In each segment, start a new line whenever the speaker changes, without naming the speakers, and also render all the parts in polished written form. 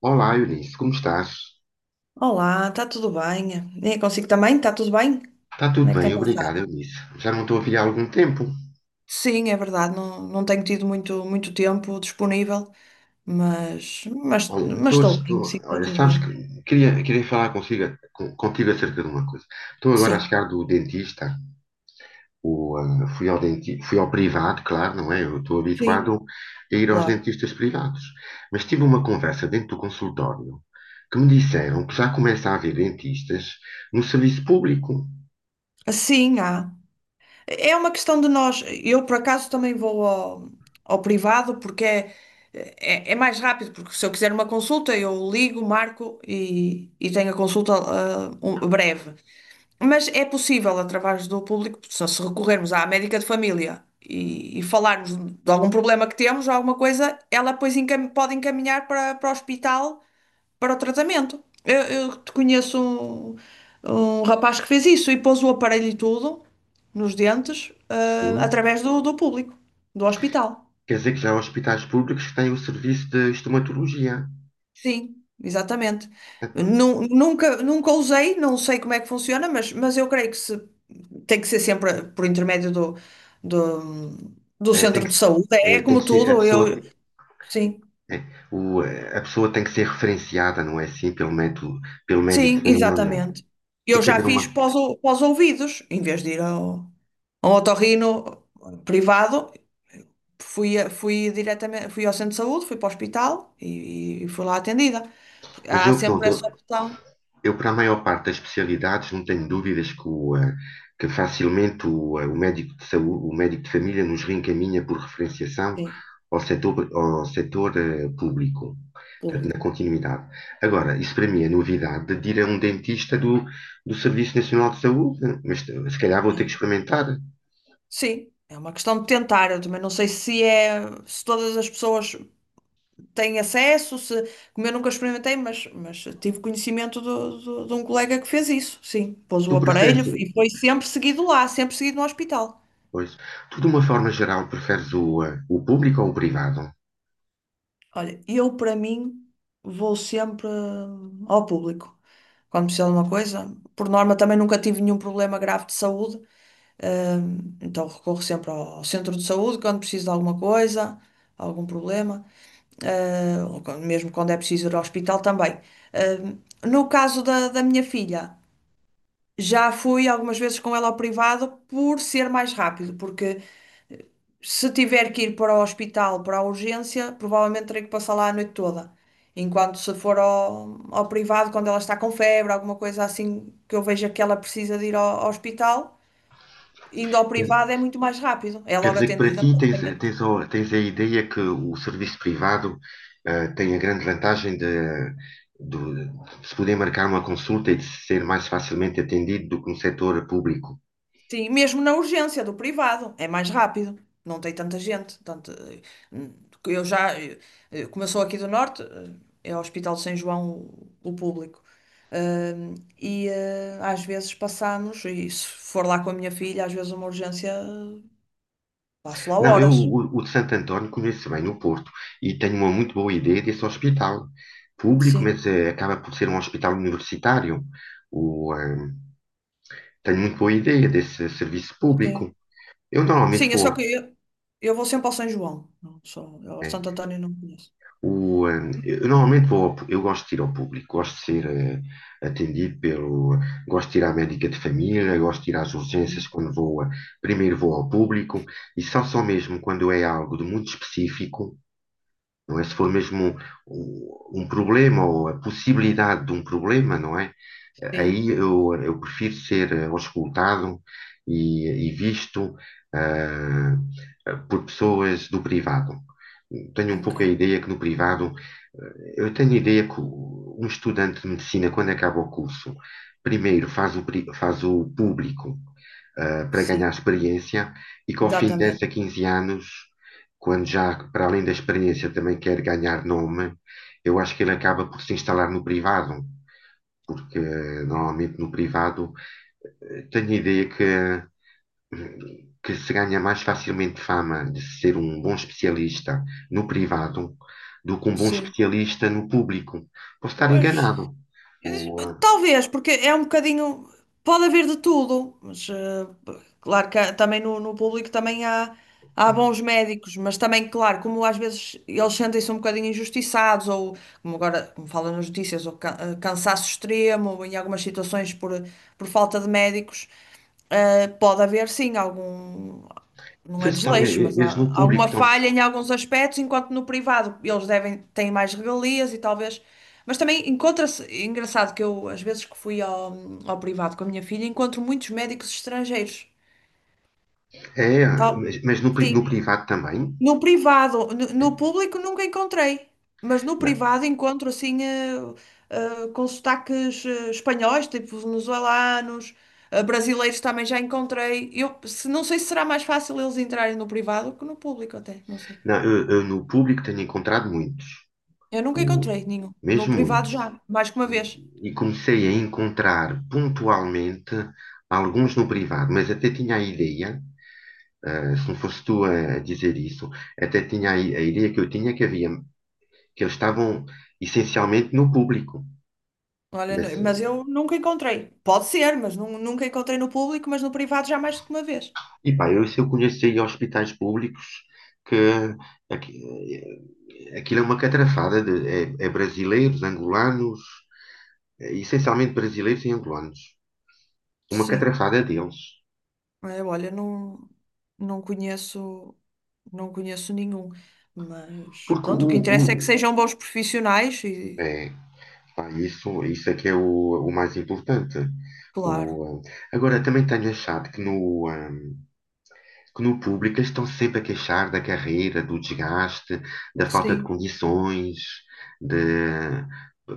Olá, Eunice, como estás?
Olá, está tudo bem? É consigo também? Está tudo bem?
Está
Como
tudo
é que
bem,
tem
obrigado,
passado?
Eunice. Já não estou a ver há algum tempo.
Sim, é verdade, não, não tenho tido muito, muito tempo disponível, mas, mas,
Olha,
mas estou bem, sim, está tudo
sabes
bem.
que queria falar consigo, contigo acerca de uma coisa. Estou agora a
Sim,
chegar do dentista. O, ah, fui ao denti, Fui ao privado, claro, não é? Eu estou habituado
sim,
a ir aos
claro.
dentistas privados. Mas tive uma conversa dentro do consultório, que me disseram que já começa a haver dentistas no serviço público.
Sim, há. É uma questão de nós. Eu, por acaso, também vou ao, ao privado porque é mais rápido, porque se eu quiser uma consulta, eu ligo, marco e tenho a consulta um- breve. Mas é possível, através do público, só se recorrermos à médica de família e falarmos de algum problema que temos, ou alguma coisa, ela depois encam- pode encaminhar para o hospital para o tratamento. Eu te conheço um rapaz que fez isso e pôs o aparelho e tudo nos dentes,
Sim,
através do público, do hospital.
quer dizer que já há hospitais públicos que têm o serviço de estomatologia.
Sim, exatamente.
Epá,
Nunca usei, não sei como é que funciona, mas eu creio que se, tem que ser sempre por intermédio do, do
é,
centro de saúde.
é,
É
tem
como
que ser,
tudo, eu, sim,
é, a pessoa tem que ser referenciada, não é, assim, pelo médico
sim,
de família.
exatamente.
Tem
Eu
que
já
haver
fiz
uma.
pós, o- pós ouvidos, em vez de ir ao, ao otorrino privado, fui, a- fui diretamente, fui ao centro de saúde, fui para o hospital e fui lá atendida. Porque
Mas
há
eu, pronto,
sempre essa opção,
eu para a maior parte das especialidades não tenho dúvidas que facilmente o médico de família nos reencaminha por referenciação
sim,
ao setor, ao setor público, portanto, na
público,
continuidade. Agora, isso para mim é novidade, de ir a um dentista do Serviço Nacional de Saúde, mas se calhar vou ter que
né?
experimentar.
Sim, é uma questão de tentar. Eu também não sei se é, se todas as pessoas têm acesso, se, como eu nunca experimentei, mas tive conhecimento de um colega que fez isso. Sim, pôs o
Tu
aparelho
preferes,
e foi sempre seguido lá, sempre seguido no hospital.
pois, tu de uma forma geral preferes o público ou o privado?
Olha, eu para mim vou sempre ao público. Quando preciso de uma coisa, por norma também nunca tive nenhum problema grave de saúde, então recorro sempre ao ao centro de saúde quando preciso de alguma coisa, algum problema. Ou quando- mesmo quando é preciso ir ao hospital também. Eh, no caso da, da minha filha, já fui algumas vezes com ela ao privado por ser mais rápido, porque se tiver que ir para o hospital, para a urgência, provavelmente terei que passar lá a noite toda. Enquanto se for ao, ao privado, quando ela está com febre, alguma coisa assim que eu veja que ela precisa de ir ao, ao hospital, indo ao
Quer
privado é muito mais rápido, é
Quer
logo
dizer que para ti
atendida.
tens, tens a ideia que o serviço privado, tem a grande vantagem de- de se poder marcar uma consulta e de ser mais facilmente atendido do que no setor público.
Sim, mesmo na urgência do privado, é mais rápido, não tem tanta gente. Tanto, hum, eu já, como eu sou aqui do Norte, é o Hospital de São João o público. Hum, e às vezes passamos, e se for lá com a minha filha, às vezes uma urgência, passo lá
Não,
horas.
o de Santo António conheço bem no Porto e tenho uma muito boa ideia desse hospital público,
Sim,
mas acaba por ser um hospital universitário. O, eh, Tem muito boa ideia desse serviço público.
sim.
Eu normalmente
Sim, é só
vou.
que eu vou sempre ao São João, não só, eu ao
eh,
Santo António não conheço.
eu normalmente vou, eu gosto de ir ao público, gosto de ser, atendido pelo, gosto de ir à médica de família, gosto de ir às
Uhum.
urgências quando vou, primeiro vou ao público, e só, só mesmo quando é algo de muito específico. Não é? Se for mesmo um problema ou a possibilidade de um problema, não é?
Sim,
Aí eu prefiro ser, auscultado e visto, ah, por pessoas do privado. Tenho um
ok.
pouco a ideia que no privado, eu tenho a ideia que um estudante de medicina, quando acaba o curso, primeiro faz faz o público, para ganhar
Sim,
experiência, e que ao fim de 10 a
exatamente.
15 anos, quando já, para além da experiência, também quer ganhar nome, eu acho que ele acaba por se instalar no privado, porque, normalmente no privado, tenho a ideia que se ganha mais facilmente fama de ser um bom especialista no privado do que um bom
Sim.
especialista no público. Posso estar
Pois.
enganado. O, eh,
Talvez, porque é um bocadinho. Pode haver de tudo, mas claro que há- também no, no público também há, há bons médicos, mas também, claro, como às vezes eles sentem-se um bocadinho injustiçados, ou como agora, como falam nas notícias, ou cansaço extremo, ou em algumas situações por falta de médicos, pode haver sim algum não é
Vocês estão,
desleixo, mas
eles
há
no público
alguma
estão,
falha em alguns aspectos, enquanto no privado eles devem, têm mais regalias e talvez. Mas também encontra-se, é engraçado que eu, às vezes que fui ao, ao privado com a minha filha, encontro muitos médicos estrangeiros.
é,
Tal,
mas, no
sim,
privado também,
no privado, no, no público nunca encontrei, mas no
né?
privado encontro assim com sotaques espanhóis, tipo venezuelanos, brasileiros também já encontrei. Eu se- não sei se será mais fácil eles entrarem no privado que no público até, não sei.
Não, eu no público tenho encontrado muitos,
Eu nunca
o-
encontrei nenhum. No
mesmo
privado
muitos.
já, mais que uma vez.
E comecei a encontrar pontualmente alguns no privado, mas até tinha a ideia, ah, se não fosse tu a dizer isso, até tinha a ideia que eu tinha, que havia, que eles estavam essencialmente no público.
Olha, n-
Mas,
mas
eh,
eu nunca encontrei. Pode ser, mas nunca encontrei no público, mas no privado já mais que uma vez.
e pá, eu, se eu conheço aí hospitais públicos que aqui- aquilo é uma catrafada de, é, é brasileiros, angolanos. Eh, essencialmente brasileiros e angolanos. Uma
Sim.
catrafada deles.
É, olha, não, não conheço, não conheço nenhum. Mas
Porque
pronto, o
o,
que interessa é que
o-
sejam bons profissionais e,
é, pá, isso é que é o mais importante.
claro.
O, eh, Agora, também tenho achado que no público eles estão sempre a queixar da carreira, do desgaste, da falta de
Sim,
condições, de...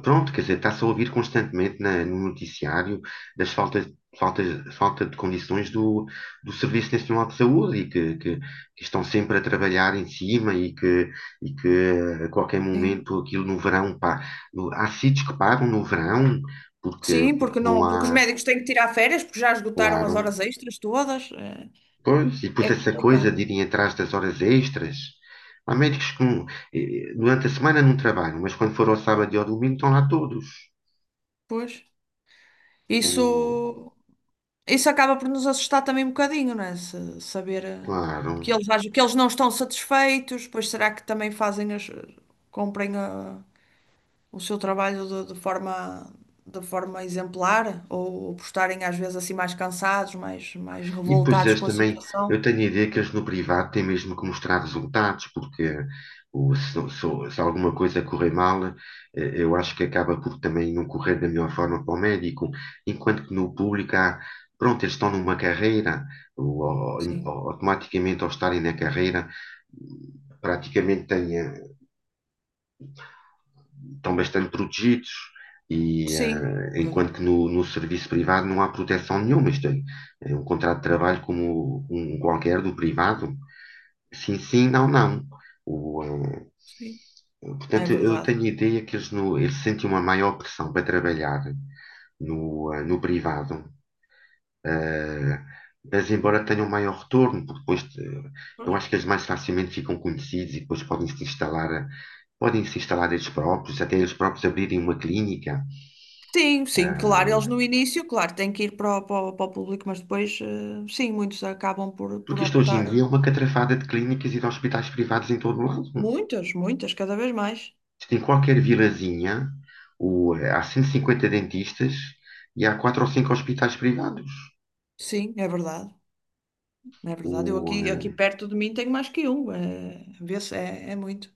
Pronto, quer dizer, está-se a ouvir constantemente no noticiário das faltas, falta de condições do Serviço Nacional de Saúde, e que, que estão sempre a trabalhar em cima, e que, e que, a qualquer
sim.
momento aquilo no verão, pá, há sítios que pagam no verão porque,
Sim, porque
porque não
não, porque os
há,
médicos têm que tirar férias, porque já esgotaram as
claro.
horas extras todas.
Pois, e
É,
depois
é
essa coisa
complicado.
de irem atrás das horas extras. Há médicos que, durante a semana não trabalham, mas quando for ao sábado e ao domingo estão lá todos.
Pois.
O,
Isso. Isso acaba por nos assustar também um bocadinho, não é? Saber
Claro.
que eles, que eles não estão satisfeitos, pois será que também fazem as, cumprem o seu trabalho de forma exemplar? Ou por estarem às vezes assim mais cansados, mais, mais
E depois
revoltados
eles
com a
também,
situação?
eu tenho a ideia que eles no privado têm mesmo que mostrar resultados, porque, se, se alguma coisa correr mal, eu acho que acaba por também não correr da melhor forma para o médico, enquanto que no público há, pronto, eles estão numa carreira, ou-
Sim,
ou automaticamente ao estarem na carreira, praticamente estão bastante protegidos, e,
sim, um
enquanto
bocadinho,
que no serviço privado não há proteção nenhuma. Isto é, é um contrato de trabalho como um qualquer do privado. Sim, sim, não, não. O, eh,
sim, é
Portanto, eu
verdade.
tenho a ideia que eles, no, eles sentem uma maior pressão para trabalhar no, no privado, ah, mas embora tenham um maior retorno, porque depois, eu
Pois.
acho que eles mais facilmente ficam conhecidos e depois podem se instalar, podem se instalar eles próprios, até eles próprios abrirem uma clínica.
Sim, sim, claro, eles no
Ah,
início, claro, têm que ir para para o público, mas depois, sim, muitos acabam por
porque isto hoje em
optar.
dia é uma catrafada de clínicas e de hospitais privados em todo o lado.
Muitas, muitas, cada vez mais.
Isto, em qualquer vilazinha, há 150 dentistas e há quatro ou cinco hospitais privados.
Sim, é verdade. É verdade. Eu
O,
aqui, aqui
eh,
perto de mim tenho mais que um. É, vê-se, é, é muito.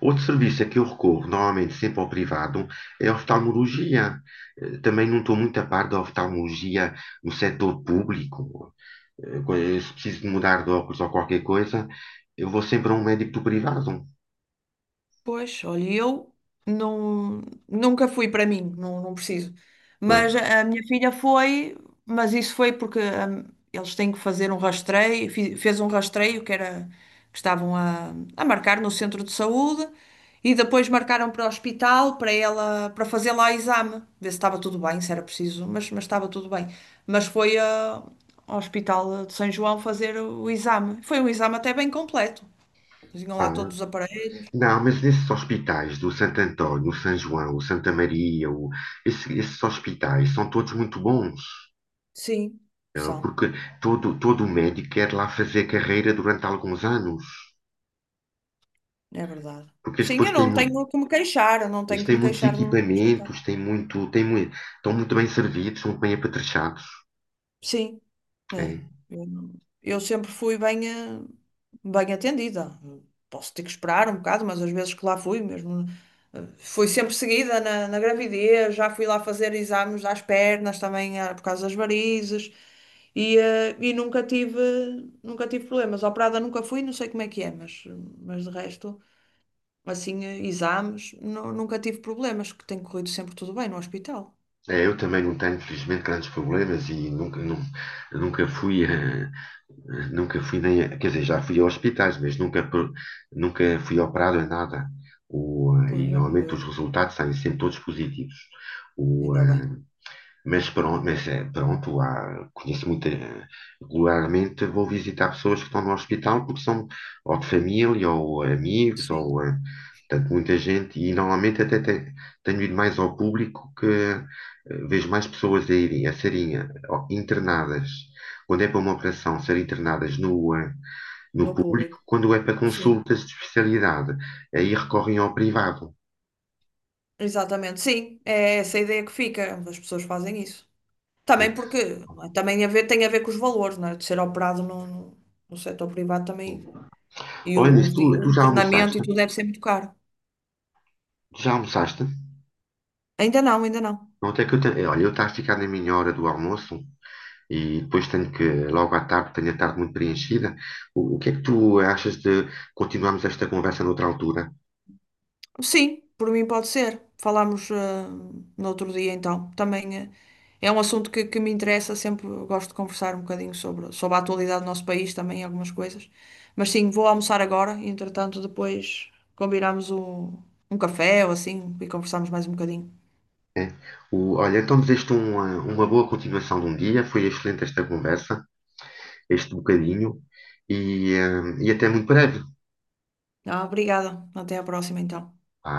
Outro serviço a que eu recorro normalmente, sempre ao privado, é a oftalmologia. Eh, também não estou muito a par da oftalmologia no setor público. Se preciso de mudar de óculos ou qualquer coisa, eu vou sempre a um médico do privado.
Pois, olha, eu não, nunca fui para mim, não, não preciso.
Pois.
Mas a minha filha foi, mas isso foi porque eles têm que fazer um rastreio, fez um rastreio que era que estavam a marcar no centro de saúde e depois marcaram para o hospital para ela para fazer lá exame, ver se estava tudo bem, se era preciso, mas estava tudo bem. Mas foi ao hospital de São João fazer o exame. Foi um exame até bem completo. Tinham lá
Ah,
todos os aparelhos.
não, mas nesses hospitais do Santo António, o São João, o Santa Maria, esses hospitais são todos muito bons,
Sim,
eh,
são,
porque todo, todo médico quer lá fazer carreira durante alguns anos,
é verdade.
porque eles
Sim,
depois
eu
têm,
não tenho que me queixar, eu não
eles
tenho que
têm
me
muitos
queixar do hospital.
equipamentos, têm muito, estão muito bem servidos, são muito bem apetrechados.
Sim,
É,
é. Eu, não- Eu sempre fui bem, bem atendida. Posso ter que esperar um bocado, mas às vezes que lá fui mesmo. Fui sempre seguida na, na gravidez, já fui lá fazer exames às pernas também por causa das varizes e e nunca tive, nunca tive problemas. Operada nunca fui, não sei como é que é, mas de resto. Assim, exames, nunca tive problemas, que tem corrido sempre tudo bem no hospital.
é, eu também não tenho, infelizmente, grandes problemas, e nunca, nunca fui, nunca fui nem, quer dizer, já fui a hospitais, mas nunca, nunca fui operado em nada.
Pois
E
é como
normalmente
eu,
os resultados saem sempre todos positivos. O,
ainda bem.
eh, mas pronto, mas, eh, pronto, conheço muito, eh, regularmente vou visitar pessoas que estão no hospital porque são ou de família ou amigos, ou,
Sim,
eh, portanto, muita gente, e normalmente até tenho ido mais ao público, que, vejo mais pessoas a irem, a serem, internadas, quando é para uma operação, serem internadas no
no
público,
público,
quando é para
sim.
consultas de especialidade, aí recorrem ao privado,
Exatamente, sim, é essa a ideia que fica, as pessoas fazem isso.
né?
Também porque, não é? Também a ver, tem a ver com os valores, não é? De ser operado no setor privado também, e
Olha, nisso,
o
tu já
internamento e
almoçaste?
tudo deve ser muito caro.
Tu já almoçaste?
Ainda não, ainda não.
Não, até que eu tenho, olha, eu estou a ficar na minha hora do almoço, e depois tenho que, logo à tarde, tenho a tarde muito preenchida. O que é que tu achas de continuarmos esta conversa noutra altura?
Sim, por mim pode ser. Falámos no outro dia então. Também é um assunto que me interessa, sempre gosto de conversar um bocadinho sobre, sobre a atualidade do nosso país também, algumas coisas. Mas sim, vou almoçar agora e entretanto depois combinamos um, um café ou assim e conversamos mais um bocadinho.
É. O- olha, então desejo-te uma boa continuação de um dia. Foi excelente esta conversa, este bocadinho, e, eh, e até muito breve.
Ah, obrigada. Até à próxima então.
Vá.